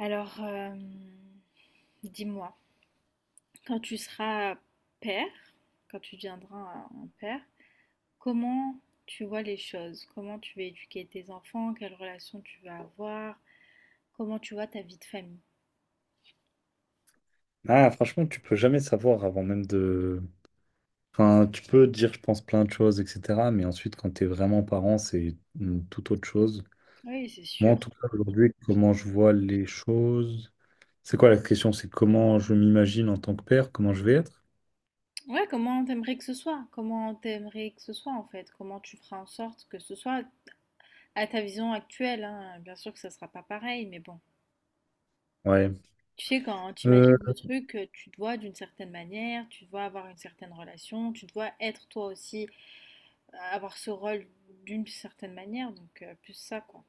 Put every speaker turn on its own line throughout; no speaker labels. Alors, dis-moi, quand tu seras père, quand tu deviendras un père, comment tu vois les choses? Comment tu vas éduquer tes enfants? Quelle relation tu vas avoir? Comment tu vois ta vie de famille?
Ah, franchement, tu peux jamais savoir avant même de. Enfin, tu peux dire, je pense, plein de choses, etc. Mais ensuite, quand tu es vraiment parent, c'est une toute autre chose.
Oui, c'est
Moi,
sûr.
en tout cas, aujourd'hui, comment je vois les choses. C'est quoi la question? C'est comment je m'imagine en tant que père, comment je vais être?
Ouais, comment t'aimerais que ce soit? Comment t'aimerais que ce soit en fait? Comment tu feras en sorte que ce soit à ta vision actuelle, hein. Bien sûr que ça sera pas pareil, mais bon.
Ouais.
Tu sais, quand tu
Euh,
imagines le truc, tu te vois d'une certaine manière, tu te vois avoir une certaine relation, tu te vois être toi aussi avoir ce rôle d'une certaine manière, donc plus ça, quoi.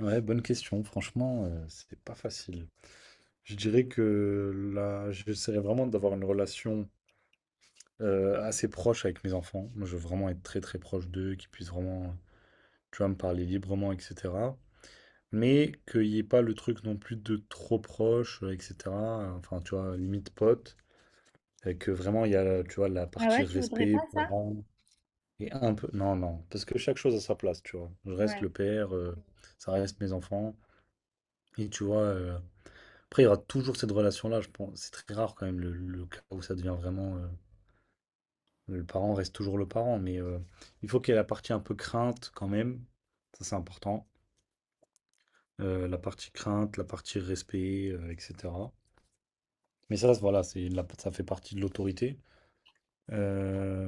Ouais, bonne question. Franchement, c'est pas facile. Je dirais que là, j'essaierai vraiment d'avoir une relation assez proche avec mes enfants. Moi, je veux vraiment être très, très proche d'eux, qu'ils puissent vraiment, tu vois, me parler librement, etc. Mais qu'il n'y ait pas le truc non plus de trop proche, etc. Enfin, tu vois, limite pote. Et que vraiment, il y a, tu vois, la
Ah
partie
ouais, tu voudrais
respect,
pas ça?
parents, et un peu... Non, non. Parce que chaque chose a sa place, tu vois. Je reste
Ouais.
le père, ça reste mes enfants. Et tu vois, après, il y aura toujours cette relation-là, je pense. C'est très rare quand même, le cas où ça devient vraiment... le parent reste toujours le parent, mais il faut qu'il y ait la partie un peu crainte quand même. Ça, c'est important. La partie crainte, la partie respect, etc. Mais ça, voilà, ça fait partie de l'autorité. Euh,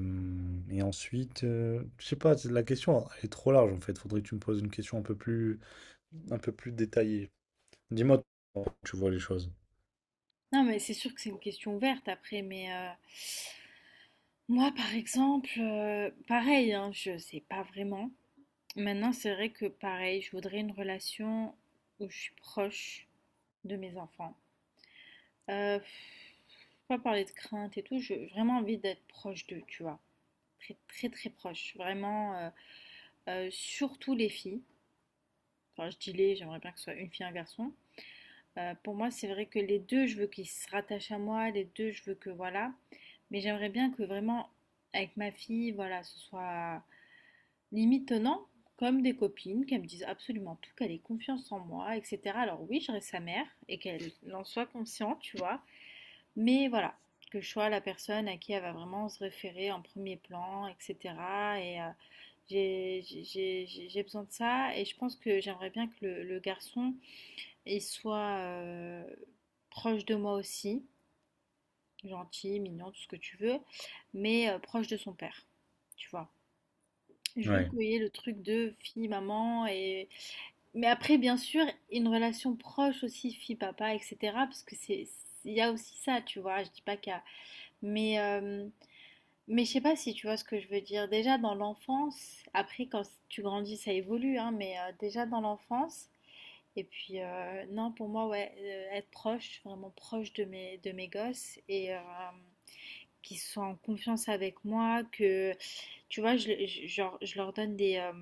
et ensuite, je sais pas, la question elle est trop large en fait. Faudrait que tu me poses une question un peu plus détaillée. Dis-moi, comment tu vois les choses.
Non, mais c'est sûr que c'est une question ouverte après, mais moi, par exemple, pareil, hein, je sais pas vraiment. Maintenant, c'est vrai que pareil, je voudrais une relation où je suis proche de mes enfants. Euh, pas parler de crainte et tout, j'ai vraiment envie d'être proche d'eux, tu vois. Très, très, très proche. Vraiment, surtout les filles. Enfin, je dis les, j'aimerais bien que ce soit une fille, un garçon. Pour moi, c'est vrai que les deux, je veux qu'ils se rattachent à moi, les deux, je veux que voilà. Mais j'aimerais bien que vraiment, avec ma fille, voilà, ce soit limite tenant, comme des copines, qu'elles me disent absolument tout, qu'elle ait confiance en moi, etc. Alors oui, je reste sa mère et qu'elle en soit consciente, tu vois. Mais voilà, que je sois la personne à qui elle va vraiment se référer en premier plan, etc. Et j'ai j'ai besoin de ça. Et je pense que j'aimerais bien que le garçon et sois proche de moi aussi, gentil, mignon, tout ce que tu veux, mais proche de son père, tu vois. Je veux
Ouais,
qu'il y ait le truc de fille, maman, et... Mais après, bien sûr, une relation proche aussi, fille, papa, etc., parce que c'est... Il y a aussi ça, tu vois, je dis pas qu'il y a... Mais, euh, mais je sais pas si tu vois ce que je veux dire. Déjà dans l'enfance, après quand tu grandis, ça évolue, hein, mais déjà dans l'enfance, et puis, non, pour moi, ouais, être proche, vraiment proche de mes gosses et qu'ils soient en confiance avec moi, que, tu vois, genre, je leur donne des...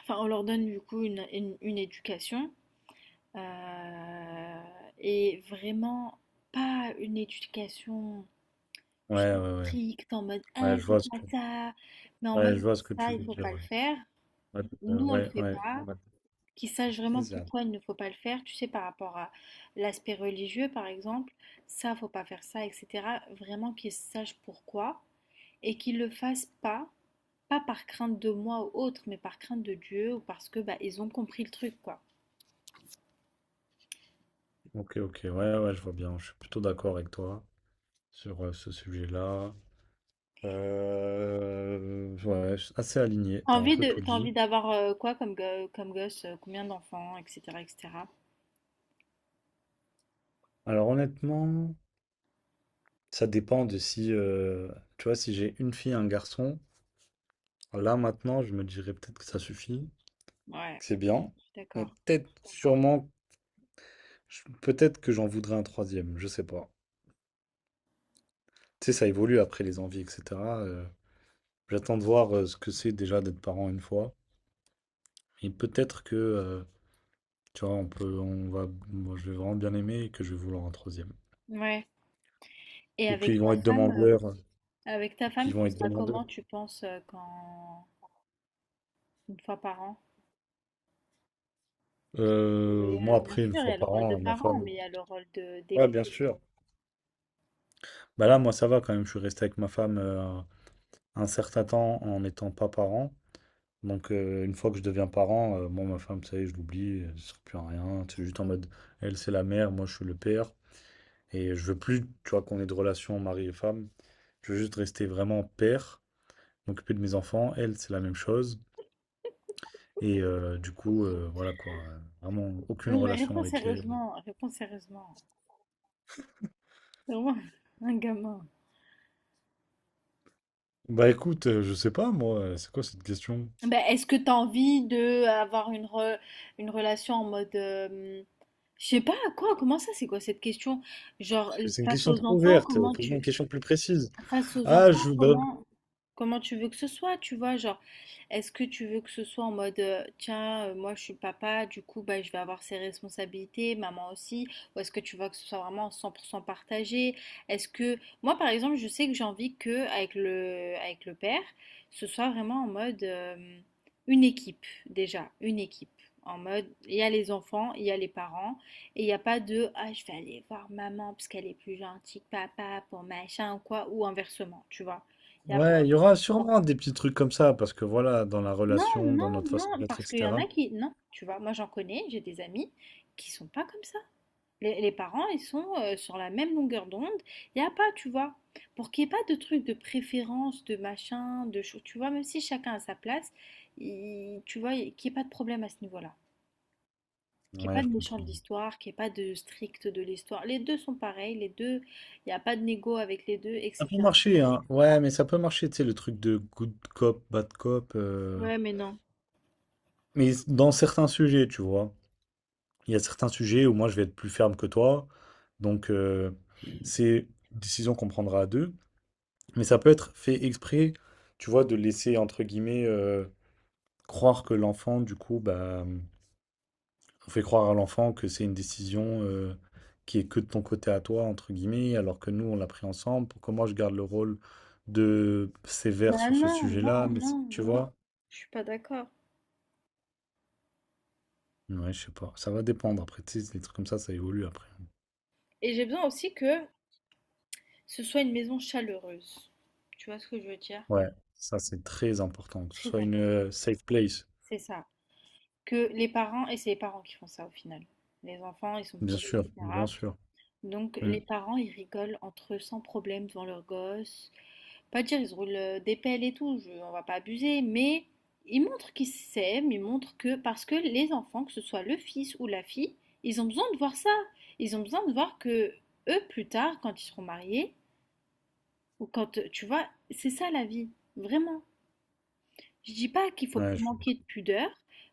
enfin, on leur donne du coup une éducation euh, et vraiment pas une éducation
ouais, ouais, ouais.
stricte en mode, ah,
Ouais, je vois
c'est
ce
pas
que,
ça, mais en mode,
ouais, je vois ce que
ça,
tu
il
veux
faut
dire.
pas le
Ouais,
faire.
ouais, euh,
Nous, on le
ouais.
fait
ouais.
pas.
Ouais.
Qui sachent vraiment
Exact.
pourquoi il ne faut pas le faire, tu sais, par rapport à l'aspect religieux, par exemple, ça, faut pas faire ça, etc. Vraiment qu'ils sachent pourquoi et qu'ils le fassent pas, pas par crainte de moi ou autre, mais par crainte de Dieu ou parce que bah, ils ont compris le truc, quoi.
Ok, ok, ouais, ouais, je vois bien. Je suis plutôt d'accord avec toi sur ce sujet-là. Ouais, ouais, je suis assez aligné,
T'as
t'as un
envie
peu tout
t'as envie
dit.
d'avoir quoi comme, comme gosse, combien d'enfants, etc., etc.
Alors honnêtement, ça dépend de si, tu vois, si j'ai une fille, un garçon, là maintenant, je me dirais peut-être que ça suffit,
Ouais,
que c'est bien,
je suis
mais
d'accord.
peut-être, sûrement, peut-être que j'en voudrais un troisième, je sais pas. Tu sais, ça évolue après les envies, etc. euh, J'attends de voir ce que c'est déjà d'être parent une fois, et peut-être que, tu vois, on va, moi, je vais vraiment bien aimer et que je vais vouloir un troisième.
Ouais. Et
Ou qu'ils vont être demandeurs.
avec ta
Donc
femme,
ils vont
tu
être
seras
demandeurs.
comment, tu penses, quand une fois par an? Mais,
Moi
bien
après, une
sûr, il y
fois
a le
par
rôle de
an, ma
parent,
femme.
mais il y a le rôle de
Ouais,
d'époux.
bien sûr. Bah là, moi ça va quand même, je suis resté avec ma femme un certain temps en n'étant pas parent. Donc une fois que je deviens parent, moi ma femme, ça y est, je l'oublie, ça sert plus à rien. C'est juste en mode, elle c'est la mère, moi je suis le père. Et je veux plus, tu vois, qu'on ait de relation mari et femme. Je veux juste rester vraiment père, m'occuper de mes enfants. Elle, c'est la même chose. Et du coup, voilà quoi. Vraiment aucune
Non, mais
relation
réponds
avec elle.
sérieusement, réponds sérieusement. C'est vraiment, un gamin.
Bah écoute, je sais pas moi, c'est quoi cette question?
Ben, est-ce que tu as envie de avoir une relation en mode... je sais pas, quoi, comment ça, c'est quoi cette question? Genre,
C'est une
face
question
aux
trop
enfants,
ouverte,
comment
pose-moi une
tu...
question plus précise.
Face aux
Ah,
enfants,
je, bah,
comment... Comment tu veux que ce soit, tu vois, genre, est-ce que tu veux que ce soit en mode, tiens, moi je suis papa, du coup, bah, je vais avoir ses responsabilités, maman aussi, ou est-ce que tu veux que ce soit vraiment 100% partagé? Est-ce que, moi par exemple, je sais que j'ai envie que, avec le père, ce soit vraiment en mode, une équipe, déjà, une équipe. En mode, il y a les enfants, il y a les parents, et il n'y a pas de, ah, je vais aller voir maman parce qu'elle est plus gentille que papa pour machin ou quoi, ou inversement, tu vois.
ouais, il y aura sûrement des petits trucs comme ça, parce que voilà, dans la
Non,
relation, dans
non,
notre façon
non,
d'être,
parce qu'il y en
etc.
a qui, non, tu vois, moi j'en connais, j'ai des amis qui sont pas comme ça. Les parents, ils sont sur la même longueur d'onde. Il n'y a pas, tu vois, pour qu'il n'y ait pas de trucs de préférence, de machin, de choses, tu vois, même si chacun a sa place, tu vois, qu'il n'y ait pas de problème à ce niveau-là. Qu'il n'y
Ouais,
ait
je
pas de méchant de
comprends.
l'histoire, qu'il n'y ait pas de strict de l'histoire. Les deux sont pareils, les deux, il n'y a pas de négo avec les deux,
Ça peut
etc.
marcher, hein. Ouais, mais ça peut marcher, tu sais, le truc de good cop, bad cop.
Ouais, mais non.
Mais dans certains sujets, tu vois. Il y a certains sujets où moi je vais être plus ferme que toi. Donc, c'est une décision qu'on prendra à deux. Mais ça peut être fait exprès, tu vois, de laisser, entre guillemets, croire que l'enfant, du coup, bah, on fait croire à l'enfant que c'est une décision qui est que de ton côté à toi, entre guillemets, alors que nous, on l'a pris ensemble. Pourquoi moi, je garde le rôle de sévère
Bah
sur ce
non, non,
sujet-là,
non,
tu
non.
vois?
Je suis pas d'accord.
Ouais, je sais pas. Ça va dépendre. Après, tu sais, les trucs comme ça évolue après.
Et j'ai besoin aussi que ce soit une maison chaleureuse. Tu vois ce que je veux dire?
Ouais, ça, c'est très important. Que ce
Très
soit une
important.
safe place.
C'est ça. Que les parents, et c'est les parents qui font ça au final. Les enfants, ils sont
Bien
petits,
sûr, bien
etc.
sûr.
Donc
Mm.
les parents, ils rigolent entre eux sans problème devant leurs gosses. Pas dire, ils se roulent des pelles et tout, on va pas abuser, mais ils montrent qu'ils s'aiment, ils montrent que, parce que les enfants, que ce soit le fils ou la fille, ils ont besoin de voir ça. Ils ont besoin de voir que eux, plus tard, quand ils seront mariés, ou quand, tu vois, c'est ça la vie, vraiment. Je dis pas qu'il faut
Ouais,
manquer de pudeur,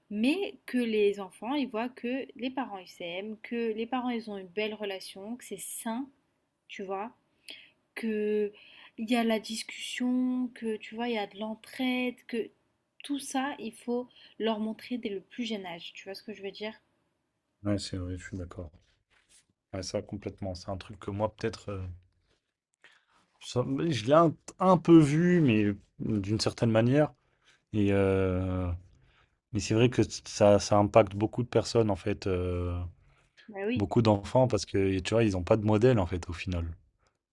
mais que les enfants, ils voient que les parents, ils s'aiment, que les parents, ils ont une belle relation, que c'est sain, tu vois, que il y a la discussion, que tu vois, il y a de l'entraide, que tout ça, il faut leur montrer dès le plus jeune âge. Tu vois ce que je veux dire?
ouais, c'est vrai, je suis d'accord. Ouais, ça complètement. C'est un truc que moi, peut-être, ça- je l'ai un peu vu, mais d'une certaine manière. Et, mais c'est vrai que ça impacte beaucoup de personnes, en fait,
Bah oui,
beaucoup d'enfants, parce que, tu vois, ils n'ont pas de modèle, en fait, au final.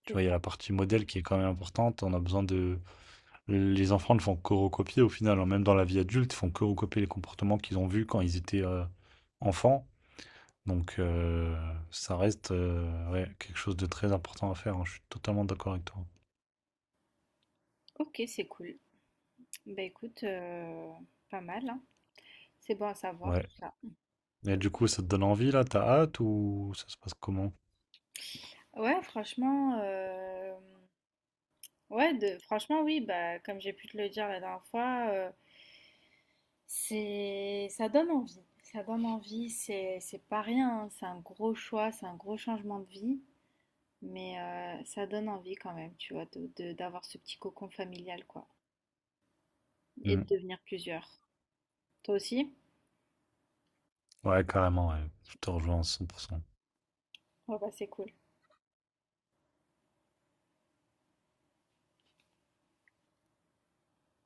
Tu
c'est
vois, il y a
ça.
la partie modèle qui est quand même importante. On a besoin de... Les enfants ne font que recopier, au final, hein, même dans la vie adulte, ils font que recopier les comportements qu'ils ont vus quand ils étaient enfants. Donc, ça reste ouais, quelque chose de très important à faire. Hein. Je suis totalement d'accord avec toi.
Ok, c'est cool. Bah écoute, pas mal, hein. C'est bon à savoir
Ouais.
tout ça.
Et du coup, ça te donne envie là? T'as hâte ou ça se passe comment?
Ouais, franchement, ouais, de, franchement, oui, bah, comme j'ai pu te le dire la dernière fois, c'est, ça donne envie. Ça donne envie, c'est pas rien, hein, c'est un gros choix, c'est un gros changement de vie, mais ça donne envie quand même, tu vois, de, d'avoir ce petit cocon familial, quoi, et de
Mm.
devenir plusieurs. Toi aussi?
Ouais, carrément, ouais. Je te rejoins à 100%.
Ouais, bah, c'est cool.